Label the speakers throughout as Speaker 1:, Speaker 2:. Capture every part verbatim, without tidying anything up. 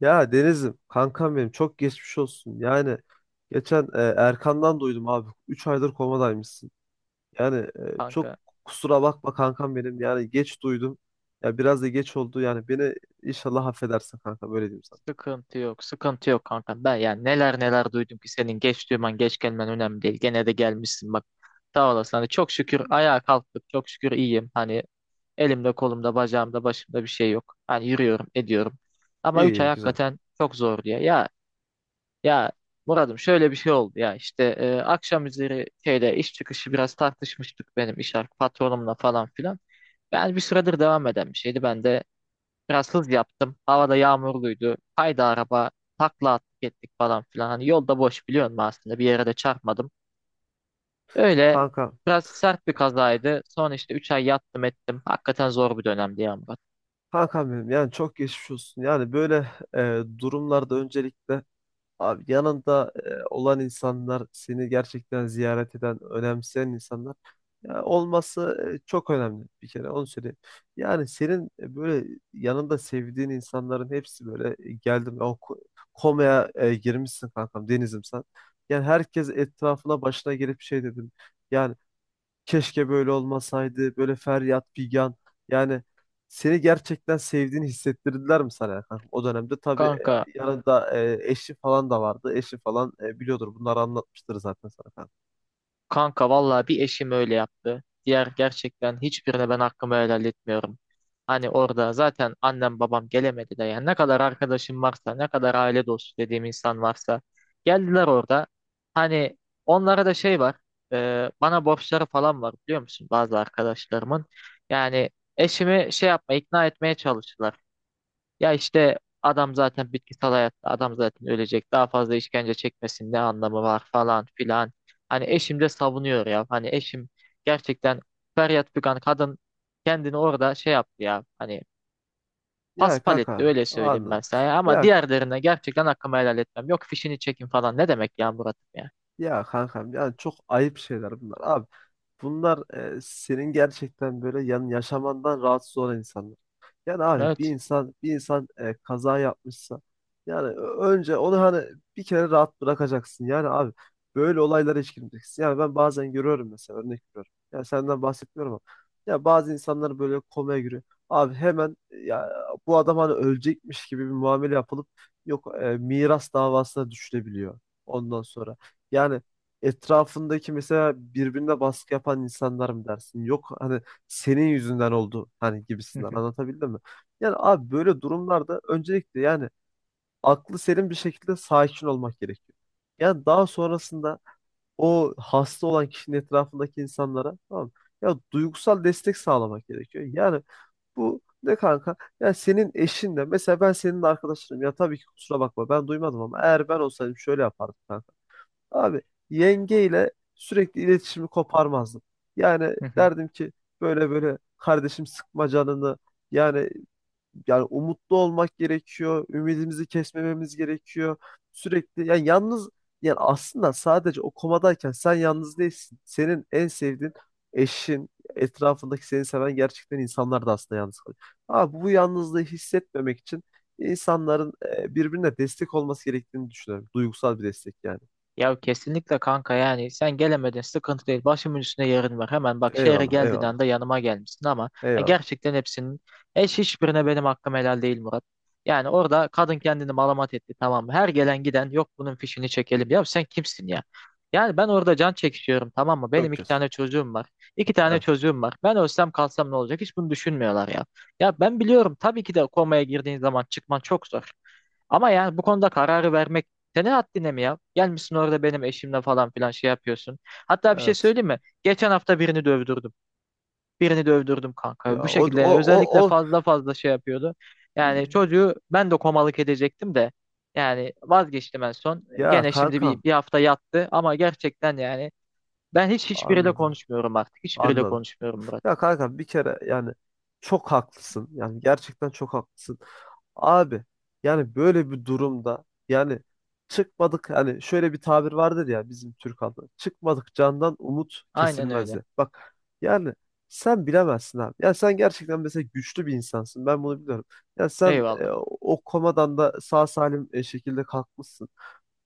Speaker 1: Ya Deniz'im kankam benim, çok geçmiş olsun. Yani geçen e, Erkan'dan duydum abi. Üç aydır komadaymışsın. Yani e, çok
Speaker 2: Kanka,
Speaker 1: kusura bakma kankam benim. Yani geç duydum. Ya biraz da geç oldu. Yani beni inşallah affedersin kanka, böyle diyeyim sana.
Speaker 2: sıkıntı yok, sıkıntı yok kanka. Ben yani neler neler duydum ki, senin geç duyman, geç gelmen önemli değil. Gene de gelmişsin, bak sağ olasın. Hani çok şükür ayağa kalktık, çok şükür iyiyim. Hani elimde, kolumda, bacağımda, başımda bir şey yok. Hani yürüyorum, ediyorum. Ama
Speaker 1: İyi
Speaker 2: üç
Speaker 1: iyi,
Speaker 2: ay
Speaker 1: güzel.
Speaker 2: hakikaten çok zor diye ya. Ya Murat'ım, şöyle bir şey oldu. Ya işte e, akşam üzeri şeyde iş çıkışı biraz tartışmıştık. Benim iş ar- patronumla falan filan. Ben bir süredir devam eden bir şeydi, ben de biraz hız yaptım. Havada yağmurluydu. Haydi, araba takla attık ettik falan filan. Hani yolda boş, biliyor musun, aslında bir yere de çarpmadım. Öyle
Speaker 1: Kanka
Speaker 2: biraz sert bir kazaydı. Sonra işte üç ay yattım, ettim. Hakikaten zor bir dönemdi ya Murat.
Speaker 1: kankam benim, yani çok geçmiş olsun. Yani böyle e, durumlarda öncelikle abi, yanında e, olan insanlar, seni gerçekten ziyaret eden, önemseyen insanlar ya olması e, çok önemli, bir kere onu söyleyeyim. Yani senin e, böyle yanında sevdiğin insanların hepsi böyle e, geldim, o ko- komaya e, girmişsin kankam Deniz'im sen. Yani herkes etrafına başına gelip şey dedim. Yani keşke böyle olmasaydı, böyle feryat figan. Yani seni gerçekten sevdiğini hissettirdiler mi sana ya kankam? O dönemde tabii
Speaker 2: Kanka
Speaker 1: e, yanında e, eşi falan da vardı. Eşi falan e, biliyordur, bunları anlatmıştır zaten sana kankam.
Speaker 2: Kanka, vallahi bir eşim öyle yaptı. Diğer gerçekten hiçbirine ben hakkımı helal etmiyorum. Hani orada zaten annem babam gelemedi de, yani ne kadar arkadaşım varsa, ne kadar aile dostu dediğim insan varsa geldiler orada. Hani onlara da şey var, e, bana borçları falan var, biliyor musun, bazı arkadaşlarımın. Yani eşimi şey yapma, ikna etmeye çalıştılar. Ya işte adam zaten bitkisel hayatta, adam zaten ölecek, daha fazla işkence çekmesin, ne anlamı var falan filan. Hani eşim de savunuyor ya. Hani eşim gerçekten feryat figan kadın, kendini orada şey yaptı ya. Hani
Speaker 1: Ya
Speaker 2: paspal etti,
Speaker 1: kanka,
Speaker 2: öyle söyleyeyim ben
Speaker 1: anladım.
Speaker 2: sana ya. Ama
Speaker 1: Ya
Speaker 2: diğerlerine gerçekten hakkımı helal etmem. Yok fişini çekin falan, ne demek ya Murat'ım ya.
Speaker 1: Ya kankam, yani çok ayıp şeyler bunlar abi. Bunlar e, senin gerçekten böyle yan yaşamandan rahatsız olan insanlar. Yani abi, bir
Speaker 2: Evet.
Speaker 1: insan bir insan e, kaza yapmışsa, yani ö- önce onu hani bir kere rahat bırakacaksın. Yani abi, böyle olaylara hiç girmeyeceksin. Yani ben bazen görüyorum, mesela örnek veriyorum. Ya senden bahsetmiyorum ama ya bazı insanlar böyle komaya giriyor. Abi hemen e, ya bu adam hani ölecekmiş gibi bir muamele yapılıp yok e, miras davasına düşülebiliyor ondan sonra. Yani etrafındaki mesela birbirine baskı yapan insanlar mı dersin? Yok hani, senin yüzünden oldu hani gibisinden, anlatabildim mi? Yani abi, böyle durumlarda öncelikle yani aklı selim bir şekilde sakin olmak gerekiyor. Yani daha sonrasında o hasta olan kişinin etrafındaki insanlara, tamam mı, ya duygusal destek sağlamak gerekiyor. Yani bu ne kanka? Yani senin eşin de mesela, ben senin arkadaşınım ya, tabii ki kusura bakma ben duymadım, ama eğer ben olsaydım şöyle yapardım kanka. Abi yengeyle sürekli iletişimi koparmazdım. Yani derdim ki, böyle böyle kardeşim, sıkma canını. Yani yani umutlu olmak gerekiyor. Ümidimizi kesmememiz gerekiyor. Sürekli yani yalnız, yani aslında sadece o komadayken sen yalnız değilsin. Senin en sevdiğin eşin, etrafındaki seni seven gerçekten insanlar da aslında yalnız kalıyor. Abi bu yalnızlığı hissetmemek için insanların e, birbirine destek olması gerektiğini düşünüyorum. Duygusal bir destek yani.
Speaker 2: Ya kesinlikle kanka, yani sen gelemedin, sıkıntı değil, başımın üstünde yerin var, hemen bak, şehre
Speaker 1: Eyvallah,
Speaker 2: geldiğin
Speaker 1: eyvallah.
Speaker 2: anda yanıma gelmişsin. Ama ya
Speaker 1: Eyvallah.
Speaker 2: gerçekten hepsinin, eş hiçbirine benim hakkım helal değil Murat. Yani orada kadın kendini malamat etti, tamam mı? Her gelen giden, yok bunun fişini çekelim, ya sen kimsin ya? Yani ben orada can çekişiyorum, tamam mı? Benim
Speaker 1: Çok kötü.
Speaker 2: iki tane çocuğum var, iki tane
Speaker 1: Evet,
Speaker 2: çocuğum var, ben ölsem kalsam ne olacak, hiç bunu düşünmüyorlar ya. Ya ben biliyorum tabii ki de komaya girdiğin zaman çıkman çok zor. Ama yani bu konuda kararı vermek senin haddine mi ya? Gelmişsin orada benim eşimle falan filan şey yapıyorsun. Hatta bir şey
Speaker 1: evet.
Speaker 2: söyleyeyim mi? Geçen hafta birini dövdürdüm. Birini dövdürdüm
Speaker 1: Ya
Speaker 2: kanka. Bu
Speaker 1: o
Speaker 2: şekilde,
Speaker 1: o
Speaker 2: yani
Speaker 1: o
Speaker 2: özellikle
Speaker 1: o
Speaker 2: fazla fazla şey yapıyordu. Yani çocuğu ben de komalık edecektim de. Yani vazgeçtim en son.
Speaker 1: ya
Speaker 2: Gene şimdi
Speaker 1: kankam,
Speaker 2: bir, bir hafta yattı, ama gerçekten yani ben hiç hiçbiriyle
Speaker 1: anladım.
Speaker 2: konuşmuyorum artık. Hiçbiriyle
Speaker 1: Anladım.
Speaker 2: konuşmuyorum Murat.
Speaker 1: Ya kanka, bir kere yani çok haklısın. Yani gerçekten çok haklısın. Abi yani böyle bir durumda yani, çıkmadık, hani şöyle bir tabir vardır ya bizim Türk halkında: çıkmadık candan umut
Speaker 2: Aynen öyle.
Speaker 1: kesilmezdi. Bak yani, sen bilemezsin abi. Ya sen gerçekten mesela güçlü bir insansın. Ben bunu biliyorum. Ya sen e,
Speaker 2: Eyvallah.
Speaker 1: o komadan da sağ salim e, şekilde kalkmışsın.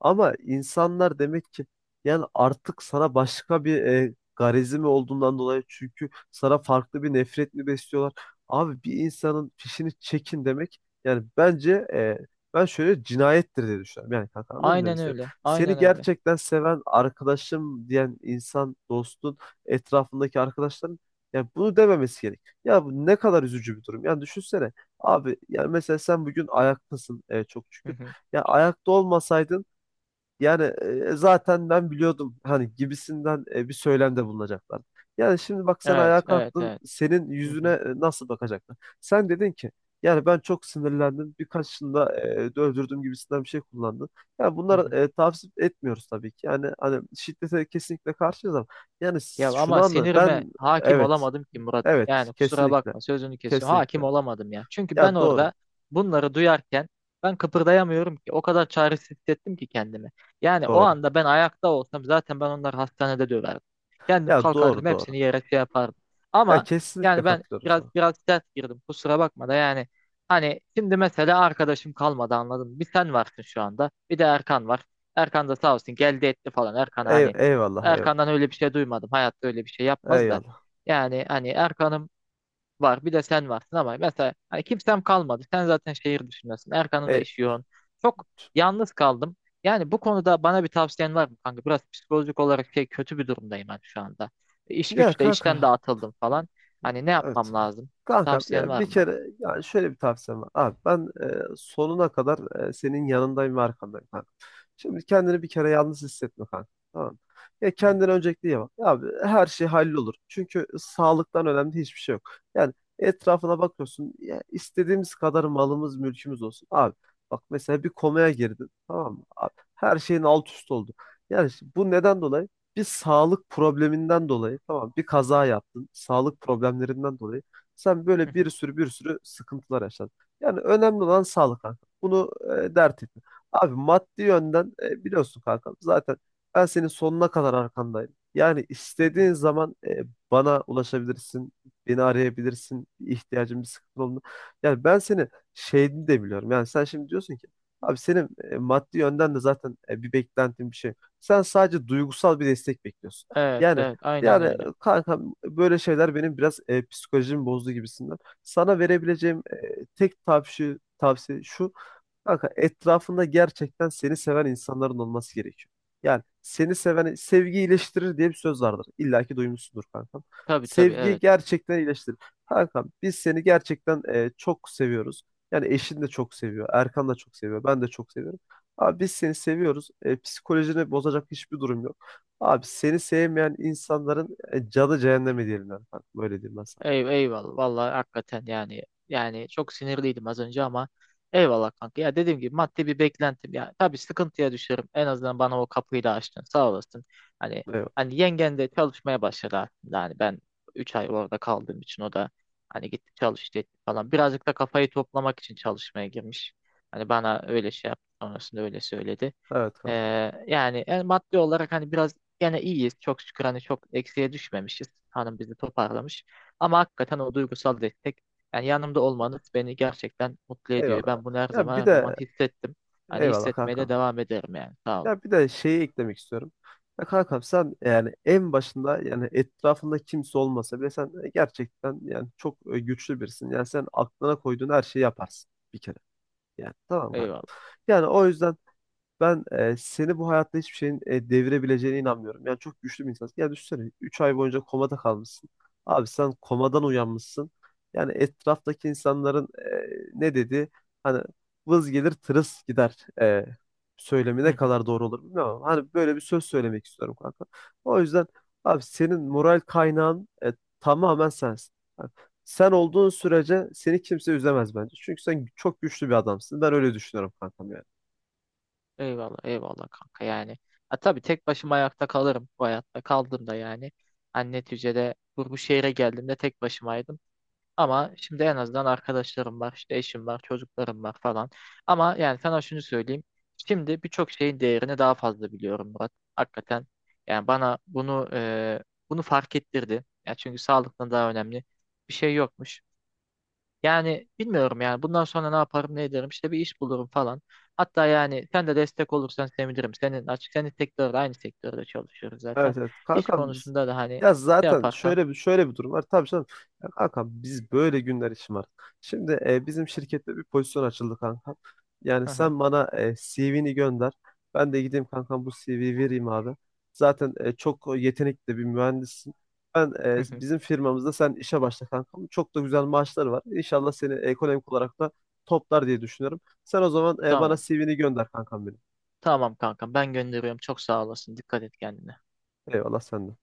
Speaker 1: Ama insanlar demek ki yani artık sana başka bir e, garezi mi olduğundan dolayı, çünkü sana farklı bir nefret mi besliyorlar? Abi bir insanın fişini çekin demek, yani bence e, ben şöyle cinayettir diye düşünüyorum. Yani kanka, anladın mı demek
Speaker 2: Aynen
Speaker 1: istedim?
Speaker 2: öyle.
Speaker 1: Seni
Speaker 2: Aynen öyle.
Speaker 1: gerçekten seven arkadaşım diyen insan, dostun, etrafındaki arkadaşların yani bunu dememesi gerek. Ya bu ne kadar üzücü bir durum. Yani düşünsene, abi yani mesela sen bugün ayaktasın, e, çok
Speaker 2: Hı
Speaker 1: şükür.
Speaker 2: hı.
Speaker 1: Ya ayakta olmasaydın yani e, zaten ben biliyordum hani gibisinden e, bir söylemde bulunacaklar. Yani şimdi bak, sen ayağa
Speaker 2: Evet, evet,
Speaker 1: kalktın,
Speaker 2: evet.
Speaker 1: senin
Speaker 2: Hı
Speaker 1: yüzüne
Speaker 2: hı.
Speaker 1: e, nasıl bakacaklar? Sen dedin ki yani ben çok sinirlendim, birkaçını da e, öldürdüm gibisinden bir şey kullandın. Yani
Speaker 2: Hı
Speaker 1: bunları
Speaker 2: hı.
Speaker 1: e, tavsiye etmiyoruz tabii ki. Yani hani şiddete kesinlikle karşıyız ama yani
Speaker 2: Ya
Speaker 1: şunu
Speaker 2: ama
Speaker 1: anla
Speaker 2: sinirime
Speaker 1: ben,
Speaker 2: hakim
Speaker 1: evet
Speaker 2: olamadım ki Murat'ım.
Speaker 1: evet,
Speaker 2: Yani kusura
Speaker 1: kesinlikle,
Speaker 2: bakma, sözünü kesiyorum.
Speaker 1: kesinlikle,
Speaker 2: Hakim olamadım ya. Çünkü ben
Speaker 1: ya doğru
Speaker 2: orada bunları duyarken ben kıpırdayamıyorum ki. O kadar çaresiz hissettim ki kendimi. Yani o
Speaker 1: doğru,
Speaker 2: anda ben ayakta olsam, zaten ben onları hastanede döverdim. Kendim
Speaker 1: ya
Speaker 2: kalkardım,
Speaker 1: doğru doğru,
Speaker 2: hepsini yere şey yapardım.
Speaker 1: ya
Speaker 2: Ama
Speaker 1: kesinlikle
Speaker 2: yani ben
Speaker 1: katılıyorum
Speaker 2: biraz
Speaker 1: sana.
Speaker 2: biraz sert girdim. Kusura bakma da, yani hani şimdi mesela arkadaşım kalmadı, anladın mı? Bir sen varsın şu anda. Bir de Erkan var. Erkan da sağ olsun, geldi etti falan. Erkan
Speaker 1: Ey,
Speaker 2: hani,
Speaker 1: eyvallah, eyvallah,
Speaker 2: Erkan'dan öyle bir şey duymadım. Hayatta öyle bir şey yapmaz da.
Speaker 1: eyvallah.
Speaker 2: Yani hani Erkan'ım var, bir de sen varsın. Ama mesela hani kimsem kalmadı. Sen zaten şehir dışındasın. Erkan'ın da
Speaker 1: E,
Speaker 2: işi yoğun. Çok yalnız kaldım. Yani bu konuda bana bir tavsiyen var mı kanka? Biraz psikolojik olarak şey, kötü bir durumdayım ben şu anda. İş
Speaker 1: ya
Speaker 2: güçte, işten de
Speaker 1: kanka,
Speaker 2: atıldım falan. Hani ne
Speaker 1: evet.
Speaker 2: yapmam lazım?
Speaker 1: Kanka,
Speaker 2: Tavsiyen
Speaker 1: ya
Speaker 2: var
Speaker 1: bir
Speaker 2: mı bana?
Speaker 1: kere yani şöyle bir tavsiyem var. Abi ben e, sonuna kadar e, senin yanındayım ve arkandayım kanka. Şimdi kendini bir kere yalnız hissetme kanka. Tamam. mı? Ya kendine öncelikle iyi bak. Ya abi, her şey hallolur. Çünkü sağlıktan önemli hiçbir şey yok. Yani etrafına bakıyorsun. Ya istediğimiz kadar malımız, mülkümüz olsun, abi, bak mesela bir komaya girdin, tamam mı? Abi, her şeyin alt üst oldu. Yani işte bu neden dolayı? Bir sağlık probleminden dolayı, tamam, bir kaza yaptın. Sağlık problemlerinden dolayı sen böyle bir sürü bir sürü sıkıntılar yaşadın. Yani önemli olan sağlık kanka. Bunu e, dert etme. Abi maddi yönden e, biliyorsun kanka, zaten ben senin sonuna kadar arkandayım. Yani istediğin zaman e, bana ulaşabilirsin, beni arayabilirsin, bir ihtiyacın, bir sıkıntı olduğunda. Yani ben seni, şeyini de biliyorum. Yani sen şimdi diyorsun ki abi, senin e, maddi yönden de zaten e, bir beklentin bir şey, sen sadece duygusal bir destek bekliyorsun.
Speaker 2: Evet,
Speaker 1: Yani
Speaker 2: evet, aynen
Speaker 1: yani
Speaker 2: öyle.
Speaker 1: kanka, böyle şeyler benim biraz e, psikolojimi bozdu gibisinden. Sana verebileceğim e, tek tavsiye tavsiye şu: kanka, etrafında gerçekten seni seven insanların olması gerekiyor. Yani seni seven, sevgi iyileştirir diye bir söz vardır. İlla ki duymuşsundur kankam.
Speaker 2: Tabii tabii,
Speaker 1: Sevgi
Speaker 2: evet.
Speaker 1: gerçekten iyileştirir. Kankam, biz seni gerçekten e, çok seviyoruz. Yani eşin de çok seviyor, Erkan da çok seviyor, ben de çok seviyorum. Abi biz seni seviyoruz. E, psikolojini bozacak hiçbir durum yok. Abi seni sevmeyen insanların e, canı cehenneme diyelim yani kankam. Böyle diyeyim ben sana.
Speaker 2: Ey, eyvallah vallahi, hakikaten yani, yani çok sinirliydim az önce ama eyvallah kanka. Ya dediğim gibi, maddi bir beklentim, ya tabii sıkıntıya düşerim, en azından bana o kapıyı da açtın, sağ olasın. Hani
Speaker 1: Eyvallah.
Speaker 2: hani yengen de çalışmaya başladı aslında. Hani ben üç ay orada kaldığım için o da hani gitti, çalıştı etti falan, birazcık da kafayı toplamak için çalışmaya girmiş. Hani bana öyle şey yaptı sonrasında, öyle söyledi.
Speaker 1: Evet kankam.
Speaker 2: Ee, yani e, maddi olarak hani biraz gene iyiyiz. Çok şükür hani çok eksiye düşmemişiz. Hanım bizi toparlamış. Ama hakikaten o duygusal destek, yani yanımda olmanız beni gerçekten mutlu ediyor.
Speaker 1: Eyvallah.
Speaker 2: Ben bunu her
Speaker 1: Ya
Speaker 2: zaman
Speaker 1: bir
Speaker 2: her zaman
Speaker 1: de
Speaker 2: hissettim. Hani
Speaker 1: eyvallah
Speaker 2: hissetmeye de
Speaker 1: kankam.
Speaker 2: devam ederim yani. Sağ olun.
Speaker 1: Ya bir de şeyi eklemek istiyorum. Ya kankam, sen yani en başında, yani etrafında kimse olmasa bile sen e, gerçekten yani çok e, güçlü birisin. Yani sen aklına koyduğun her şeyi yaparsın bir kere. Yani tamam kanka.
Speaker 2: Eyvallah.
Speaker 1: Yani o yüzden ben e, seni bu hayatta hiçbir şeyin e, devirebileceğine inanmıyorum. Yani çok güçlü bir insansın. Yani düşünsene, üç ay boyunca komada kalmışsın. Abi sen komadan uyanmışsın. Yani etraftaki insanların e, ne dedi? Hani vız gelir tırıs gider e, söylemi
Speaker 2: Hı
Speaker 1: ne
Speaker 2: hı.
Speaker 1: kadar doğru olur bilmiyorum, ama Hani böyle bir söz söylemek istiyorum kanka. O yüzden abi, senin moral kaynağın e, tamamen sensin. Yani sen olduğun sürece seni kimse üzemez bence. Çünkü sen çok güçlü bir adamsın. Ben öyle düşünüyorum kankam yani.
Speaker 2: Eyvallah, eyvallah kanka yani. Ha, tabii tek başıma ayakta kalırım bu hayatta. Kaldım da yani. Hani neticede bu, bu şehre geldiğimde tek başımaydım. Ama şimdi en azından arkadaşlarım var, işte eşim var, çocuklarım var falan. Ama yani sana şunu söyleyeyim. Şimdi birçok şeyin değerini daha fazla biliyorum Murat. Hakikaten yani bana bunu e, bunu fark ettirdi. Ya, çünkü sağlıktan daha önemli bir şey yokmuş. Yani bilmiyorum, yani bundan sonra ne yaparım, ne ederim, işte bir iş bulurum falan. Hatta yani sen de destek olursan sevinirim. Senin açık, senin sektörde, aynı sektörde çalışıyoruz zaten.
Speaker 1: Evet evet.
Speaker 2: İş
Speaker 1: Kankam biz-
Speaker 2: konusunda da hani
Speaker 1: ya
Speaker 2: şey
Speaker 1: zaten
Speaker 2: yaparsan.
Speaker 1: şöyle bir şöyle bir durum var. Tabii canım. Ya kankam, biz böyle günler için var. Şimdi e, bizim şirkette bir pozisyon açıldı kankam. Yani
Speaker 2: Hı hı,
Speaker 1: sen bana e, C V'ni gönder. Ben de gideyim kankam, bu C V'yi vereyim abi. Zaten e, çok yetenekli bir mühendissin. Ben e,
Speaker 2: hı hı.
Speaker 1: bizim firmamızda sen işe başla kankam. Çok da güzel maaşları var. İnşallah seni ekonomik olarak da toplar diye düşünüyorum. Sen o zaman e, bana
Speaker 2: Tamam.
Speaker 1: C V'ni gönder kankam benim.
Speaker 2: Tamam kankam, ben gönderiyorum. Çok sağ olasın. Dikkat et kendine.
Speaker 1: Eyvallah senden.